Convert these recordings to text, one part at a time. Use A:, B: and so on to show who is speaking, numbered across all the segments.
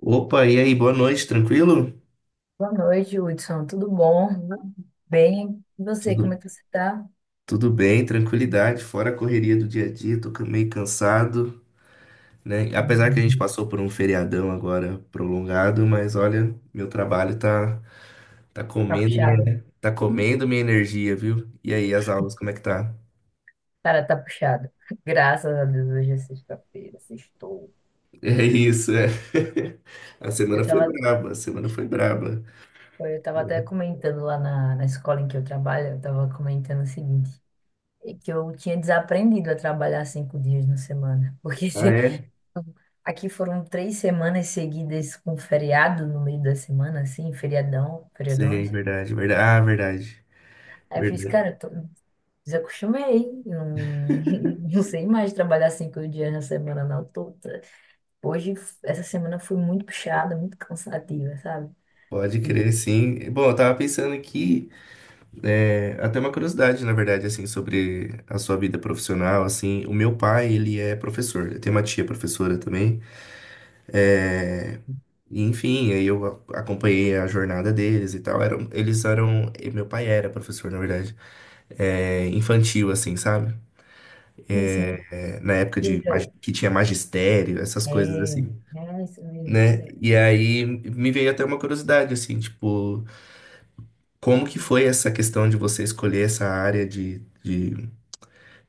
A: Opa, e aí, boa noite, tranquilo?
B: Boa noite, Hudson. Tudo bom? Bem, e você,
A: Tudo,
B: como é que você tá?
A: tudo bem, tranquilidade, fora a correria do dia a dia, tô meio cansado, né? Apesar que a gente
B: Uhum.
A: passou por um feriadão agora prolongado, mas olha, meu trabalho tá
B: Tá
A: comendo
B: puxado?
A: minha, tá comendo minha energia, viu? E aí, as aulas, como é que tá?
B: Cara, tá puxado. Graças a Deus, hoje é sexta-feira, sextou.
A: É isso, é. A semana
B: Eu
A: foi
B: tava,
A: braba, a semana foi braba.
B: eu tava até comentando lá na escola em que eu trabalho, eu tava comentando o seguinte, é que eu tinha desaprendido a trabalhar 5 dias na semana, porque
A: Ah,
B: assim,
A: é?
B: aqui foram 3 semanas seguidas com feriado no meio da semana, assim, feriadão,
A: Sei,
B: feriadões.
A: verdade, verdade. Ah, verdade,
B: Aí eu fiz,
A: verdade.
B: cara, desacostumei. Não, não sei mais trabalhar 5 dias na semana, não. Hoje, essa semana foi muito puxada, muito cansativa, sabe?
A: Pode
B: E
A: crer, sim. Bom, eu tava pensando aqui. É, até uma curiosidade, na verdade, assim, sobre a sua vida profissional, assim, o meu pai, ele é professor, eu tenho uma tia professora também, é, e, enfim, aí eu acompanhei a jornada deles e tal, eram, eles eram, e meu pai era professor, na verdade, é, infantil, assim, sabe?
B: assim,
A: É, na época de,
B: incrível.
A: que tinha magistério, essas coisas
B: É,
A: assim,
B: é isso mesmo, tô
A: né?
B: ligado.
A: E aí me veio até uma curiosidade, assim, tipo, como que foi essa questão de você escolher essa área de... de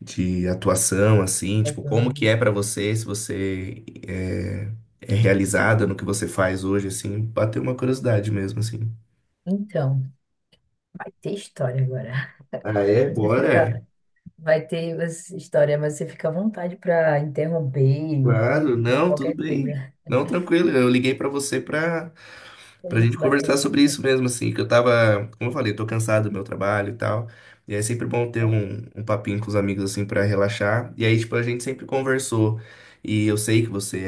A: de atuação, assim, tipo, como que é pra você, se você é realizada no que você faz hoje, assim, bateu uma curiosidade mesmo, assim.
B: Então, vai ter história agora.
A: Ah, é?
B: Você
A: Bora?
B: fica, Vai ter essa história, mas você fica à vontade para interromper e
A: Claro,
B: perguntar
A: não, tudo
B: qualquer
A: bem.
B: coisa.
A: Não, tranquilo, eu liguei pra você pra
B: A
A: pra gente
B: gente bater o
A: conversar
B: papo,
A: sobre
B: vai
A: isso mesmo, assim, que eu tava, como eu falei, tô cansado do meu trabalho e tal. E é sempre bom ter um papinho com os amigos, assim, pra relaxar. E aí, tipo, a gente sempre conversou. E eu sei que você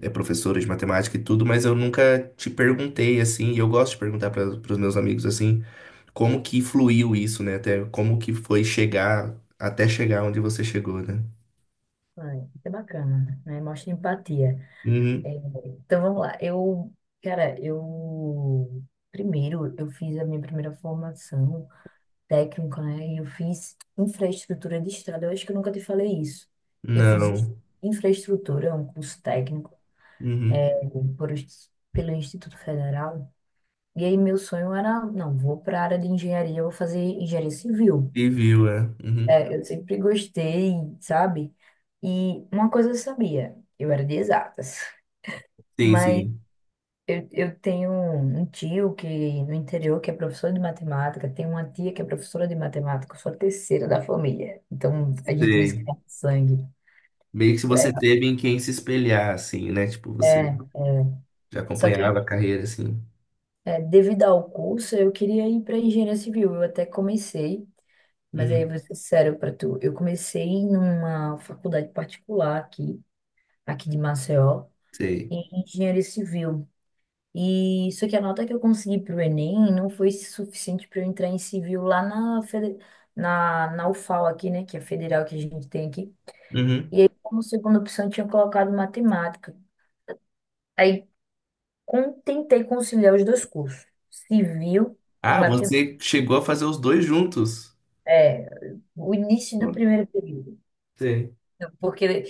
A: é, é professora de matemática e tudo, mas eu nunca te perguntei, assim, e eu gosto de perguntar para os meus amigos, assim, como que fluiu isso, né? Até como que foi chegar onde você chegou, né?
B: ser bacana, né? Mostra empatia. É,
A: Uhum.
B: Então vamos lá. Cara, eu primeiro eu fiz a minha primeira formação técnica, né? E eu fiz infraestrutura de estrada. Eu acho que eu nunca te falei isso. Eu fiz
A: Não.
B: infraestrutura, um curso técnico
A: Uhum.
B: pelo Instituto Federal. E aí meu sonho era, não, vou para a área de engenharia, eu vou fazer engenharia civil.
A: E viu, é. Uhum.
B: Eu sempre gostei, sabe? E uma coisa eu sabia, eu era de exatas.
A: Sim,
B: Mas
A: sim.
B: eu tenho um tio que no interior que é professor de matemática, tenho uma tia que é professora de matemática, eu sou a terceira da família. Então a gente diz que
A: Sei.
B: é sangue,
A: Meio que se você
B: né?
A: teve em quem se espelhar, assim, né? Tipo,
B: É,
A: você
B: é.
A: já
B: Só que
A: acompanhava a carreira, assim.
B: devido ao curso, eu queria ir para engenharia civil. Eu até comecei, mas aí eu
A: Uhum,
B: vou ser sério para tu. Eu comecei numa faculdade particular aqui de Maceió,
A: sei.
B: em engenharia civil. E só que a nota que eu consegui pro Enem não foi suficiente para eu entrar em civil lá na UFAL aqui, né? Que é a federal que a gente tem aqui.
A: Uhum.
B: E aí, como segunda opção, eu tinha colocado matemática. Aí, tentei conciliar os dois cursos, civil e
A: Ah,
B: matemática.
A: você chegou a fazer os dois juntos.
B: É, o início
A: Pô,
B: do primeiro período.
A: sei.
B: Então, porque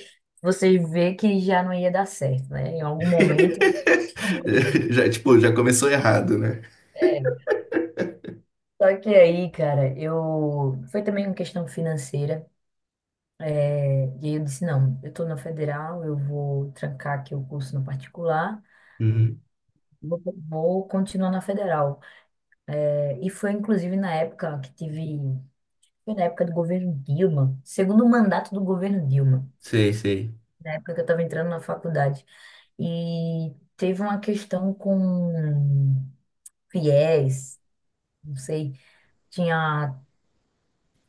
B: você vê que já não ia dar certo, né? Em algum momento.
A: Já, tipo, já começou errado, né?
B: É, Só que aí, cara, eu. Foi também uma questão financeira. E aí eu disse, não, eu estou na federal, eu vou trancar aqui o curso no particular,
A: Uhum.
B: vou, vou continuar na federal. E foi inclusive na época que foi na época do governo Dilma, segundo mandato do governo Dilma,
A: Sei, sei.
B: na época que eu estava entrando na faculdade. E teve uma questão com fiéis, não sei, tinha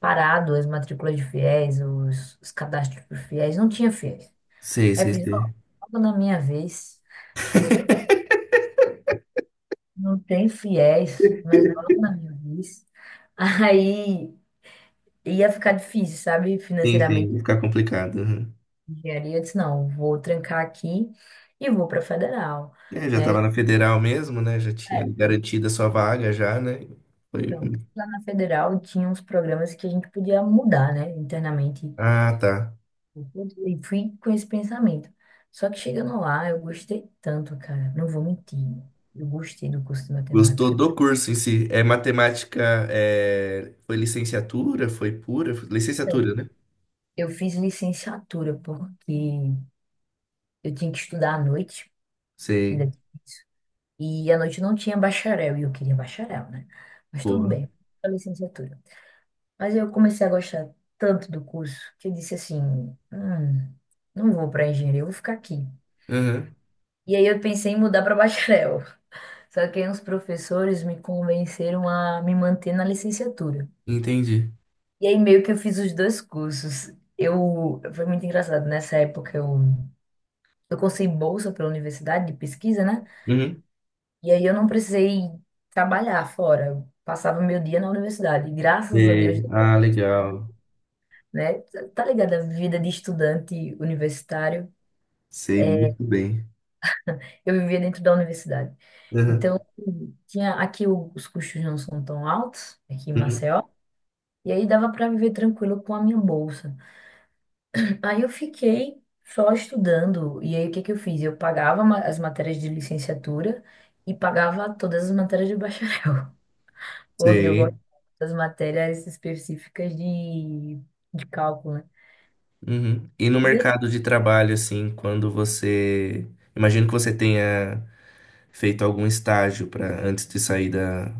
B: parado as matrículas de fiéis, os cadastros de fiéis, não tinha FIES.
A: Sei,
B: Aí eu
A: sei,
B: fiz, ó,
A: sei.
B: logo na minha vez. Não tem fiéis, mas logo na minha vez. Aí ia ficar difícil, sabe?
A: Sim, sim,
B: Financeiramente,
A: ia ficar complicado. Uhum.
B: engenharia. Eu disse, não, vou trancar aqui e vou para federal,
A: É, já
B: né?
A: tava na federal mesmo, né? Já tinha
B: É,
A: garantido a sua vaga já, né? Foi.
B: pronto. Lá na federal tinha uns programas que a gente podia mudar, né? Internamente.
A: Ah, tá.
B: E fui com esse pensamento. Só que chegando lá, eu gostei tanto, cara. Não vou mentir. Eu gostei do curso de
A: Gostou
B: matemática.
A: do curso em si? É matemática, é... foi licenciatura? Foi pura?
B: Então,
A: Licenciatura, né?
B: eu fiz licenciatura porque eu tinha que estudar à noite. Ainda
A: Sei.
B: difícil. E à noite não tinha bacharel, e eu queria bacharel, né? Mas tudo
A: Boa.
B: bem, a licenciatura. Mas eu comecei a gostar tanto do curso que eu disse assim: não vou para engenharia, eu vou ficar aqui."
A: Aham.
B: E aí eu pensei em mudar para bacharel. Só que aí uns professores me convenceram a me manter na licenciatura.
A: Entendi.
B: E aí meio que eu fiz os dois cursos. Foi muito engraçado, nessa época eu consegui bolsa pela universidade de pesquisa, né?
A: Uhum.
B: E aí eu não precisei trabalhar fora. Eu passava meu dia na universidade. E graças a Deus,
A: Sei.
B: depois
A: Ah,
B: da universidade,
A: legal.
B: né? Tá ligado? A vida de estudante universitário,
A: Sei muito bem.
B: eu vivia dentro da universidade.
A: Aham,
B: Então, tinha aqui os custos não são tão altos, aqui em
A: uhum,
B: Maceió. E aí dava para viver tranquilo com a minha bolsa. Aí eu fiquei só estudando. E aí o que que eu fiz? Eu pagava as matérias de licenciatura e pagava todas as matérias de bacharel. Porque eu
A: sei.
B: gosto das matérias específicas de cálculo, né?
A: Uhum. E no
B: E assim,
A: mercado de trabalho, assim, quando você. Imagino que você tenha feito algum estágio para antes de sair da.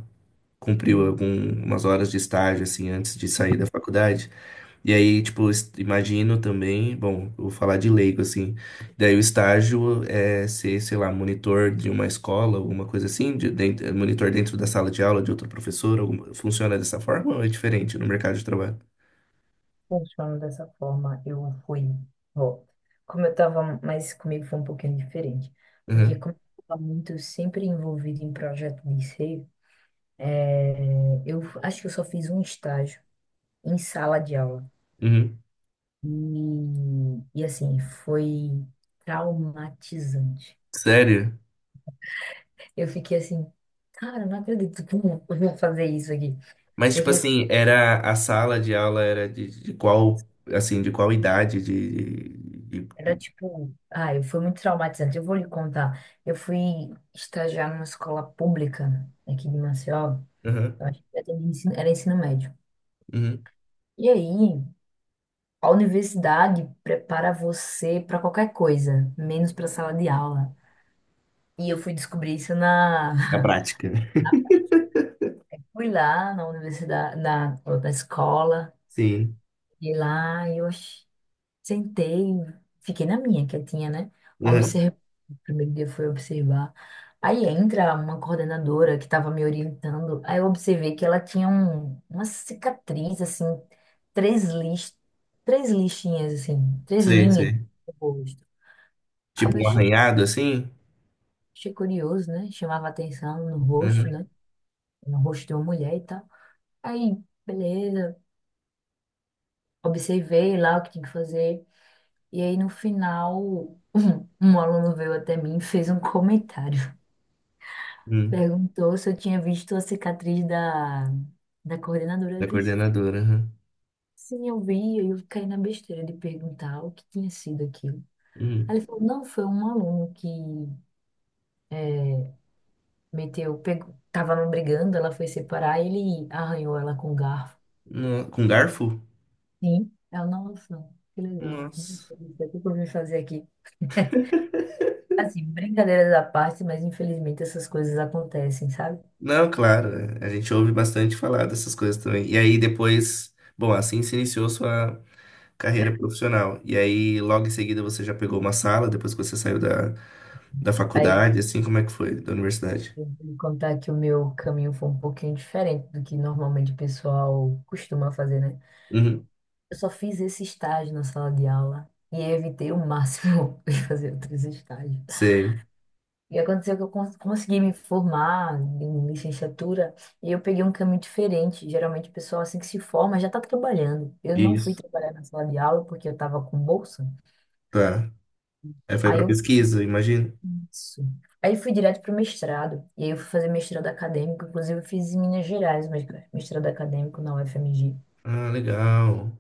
A: Cumpriu algumas horas de estágio, assim, antes de sair da faculdade. E aí, tipo, imagino também, bom, eu vou falar de leigo, assim. Daí o estágio é ser, sei lá, monitor de uma escola, alguma coisa assim, de, monitor dentro da sala de aula de outro professor, funciona dessa forma ou é diferente no mercado de trabalho?
B: funcionando dessa forma. Eu fui, ó, como eu estava, mas comigo foi um pouquinho diferente. Porque
A: Uhum.
B: como eu estava muito sempre envolvido em projeto de ser, eu acho que eu só fiz um estágio em sala de aula.
A: Uhum.
B: E, assim, foi traumatizante.
A: Sério?
B: Eu fiquei assim, cara, não acredito que eu vou fazer isso aqui.
A: Mas, tipo
B: Porque assim,
A: assim, era a sala de aula era de qual, assim, de qual idade, de... de, de-
B: era tipo, ai, foi muito traumatizante. Eu vou lhe contar. Eu fui estagiar numa escola pública aqui de Maceió.
A: Uhum.
B: Eu acho que era ensino médio.
A: Uhum.
B: E aí, a universidade prepara você para qualquer coisa, menos para sala de aula. E eu fui descobrir isso na
A: A prática.
B: Fui lá na universidade, na escola.
A: Sim.
B: E lá sentei, fiquei na minha, quietinha, né?
A: Uhum.
B: Observei. O primeiro dia foi observar. Aí entra uma coordenadora que estava me orientando. Aí eu observei que ela tinha uma cicatriz, assim, três lixinhas, assim, três
A: Sei,
B: linhas
A: sei.
B: no rosto. Aí
A: Tipo
B: eu
A: um
B: achei,
A: arranhado, assim?
B: achei curioso, né? Chamava atenção no rosto,
A: Uhum.
B: né? No rosto de uma mulher e tal. Aí, beleza, observei lá o que tinha que fazer. E aí, no final, um aluno veio até mim e fez um comentário.
A: Hum.
B: Perguntou se eu tinha visto a cicatriz da coordenadora. Eu
A: Da
B: disse,
A: coordenadora, aham.
B: sim, eu vi. Aí eu caí na besteira de perguntar o que tinha sido aquilo. Aí
A: Hum.
B: ele falou, não, foi um aluno que meteu, pegou, tava brigando, ela foi separar, ele arranhou ela com um garfo.
A: Com garfo?
B: Sim, nossa, que legal.
A: Nossa.
B: Isso é. O que eu vim fazer aqui? Assim, brincadeiras à parte, mas infelizmente essas coisas acontecem, sabe?
A: Não, claro, é, a gente ouve bastante falar dessas coisas também. E aí depois, bom, assim se iniciou sua carreira profissional. E aí logo em seguida você já pegou uma sala, depois que você saiu da
B: Aí
A: faculdade, assim, como é que foi? Da universidade?
B: Eu vou contar que o meu caminho foi um pouquinho diferente do que normalmente o pessoal costuma fazer, né?
A: Uhum.
B: Eu só fiz esse estágio na sala de aula e evitei o máximo de fazer outros estágios.
A: Sei.
B: E aconteceu que eu consegui me formar em licenciatura e eu peguei um caminho diferente. Geralmente o pessoal assim que se forma já está trabalhando. Eu não fui
A: Isso.
B: trabalhar na sala de aula porque eu estava com bolsa.
A: Tá. Aí foi
B: Aí
A: pra
B: eu
A: pesquisa, imagino.
B: isso. Aí fui direto para o mestrado, e aí eu fui fazer mestrado acadêmico, inclusive eu fiz em Minas Gerais, mas mestrado acadêmico na UFMG.
A: Ah, legal.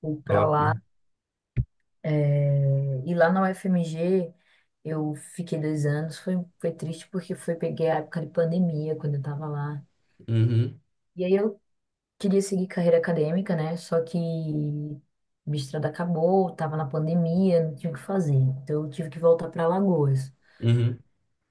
B: Fui para
A: Top.
B: lá, e lá na UFMG eu fiquei 2 anos, foi triste porque peguei a época de pandemia, quando eu estava lá.
A: Uhum.
B: E aí eu queria seguir carreira acadêmica, né, só que o mestrado acabou, estava na pandemia, não tinha o que fazer, então eu tive que voltar para Alagoas.
A: Uhum.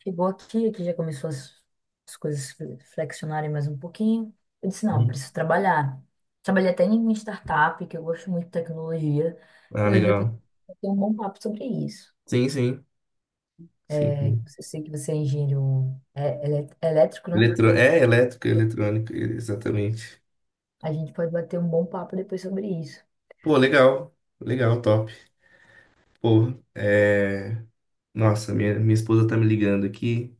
B: Chegou aqui, já começou as coisas flexionarem mais um pouquinho. Eu disse, não,
A: Uhum.
B: preciso trabalhar. Trabalhei até em uma startup, que eu gosto muito de tecnologia.
A: Ah,
B: Inclusive,
A: legal.
B: eu tenho um bom papo sobre isso.
A: Sim, sim.
B: Eu
A: Sim.
B: sei que você é engenheiro elétrico, né?
A: Eletro... É, elétrica, eletrônica, exatamente.
B: A gente pode bater um bom papo depois sobre isso.
A: Pô, legal, legal, top. Pô, é... Nossa, minha esposa tá me ligando aqui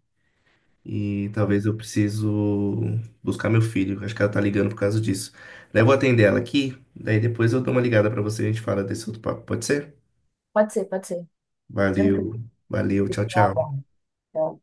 A: e talvez eu preciso buscar meu filho. Acho que ela tá ligando por causa disso. Daí eu vou atender ela aqui, daí depois eu dou uma ligada pra você e a gente fala desse outro papo, pode ser?
B: Pode ser, pode ser. Tranquilo.
A: Valeu, valeu, tchau,
B: Fico no
A: tchau.
B: aguardo. Tchau.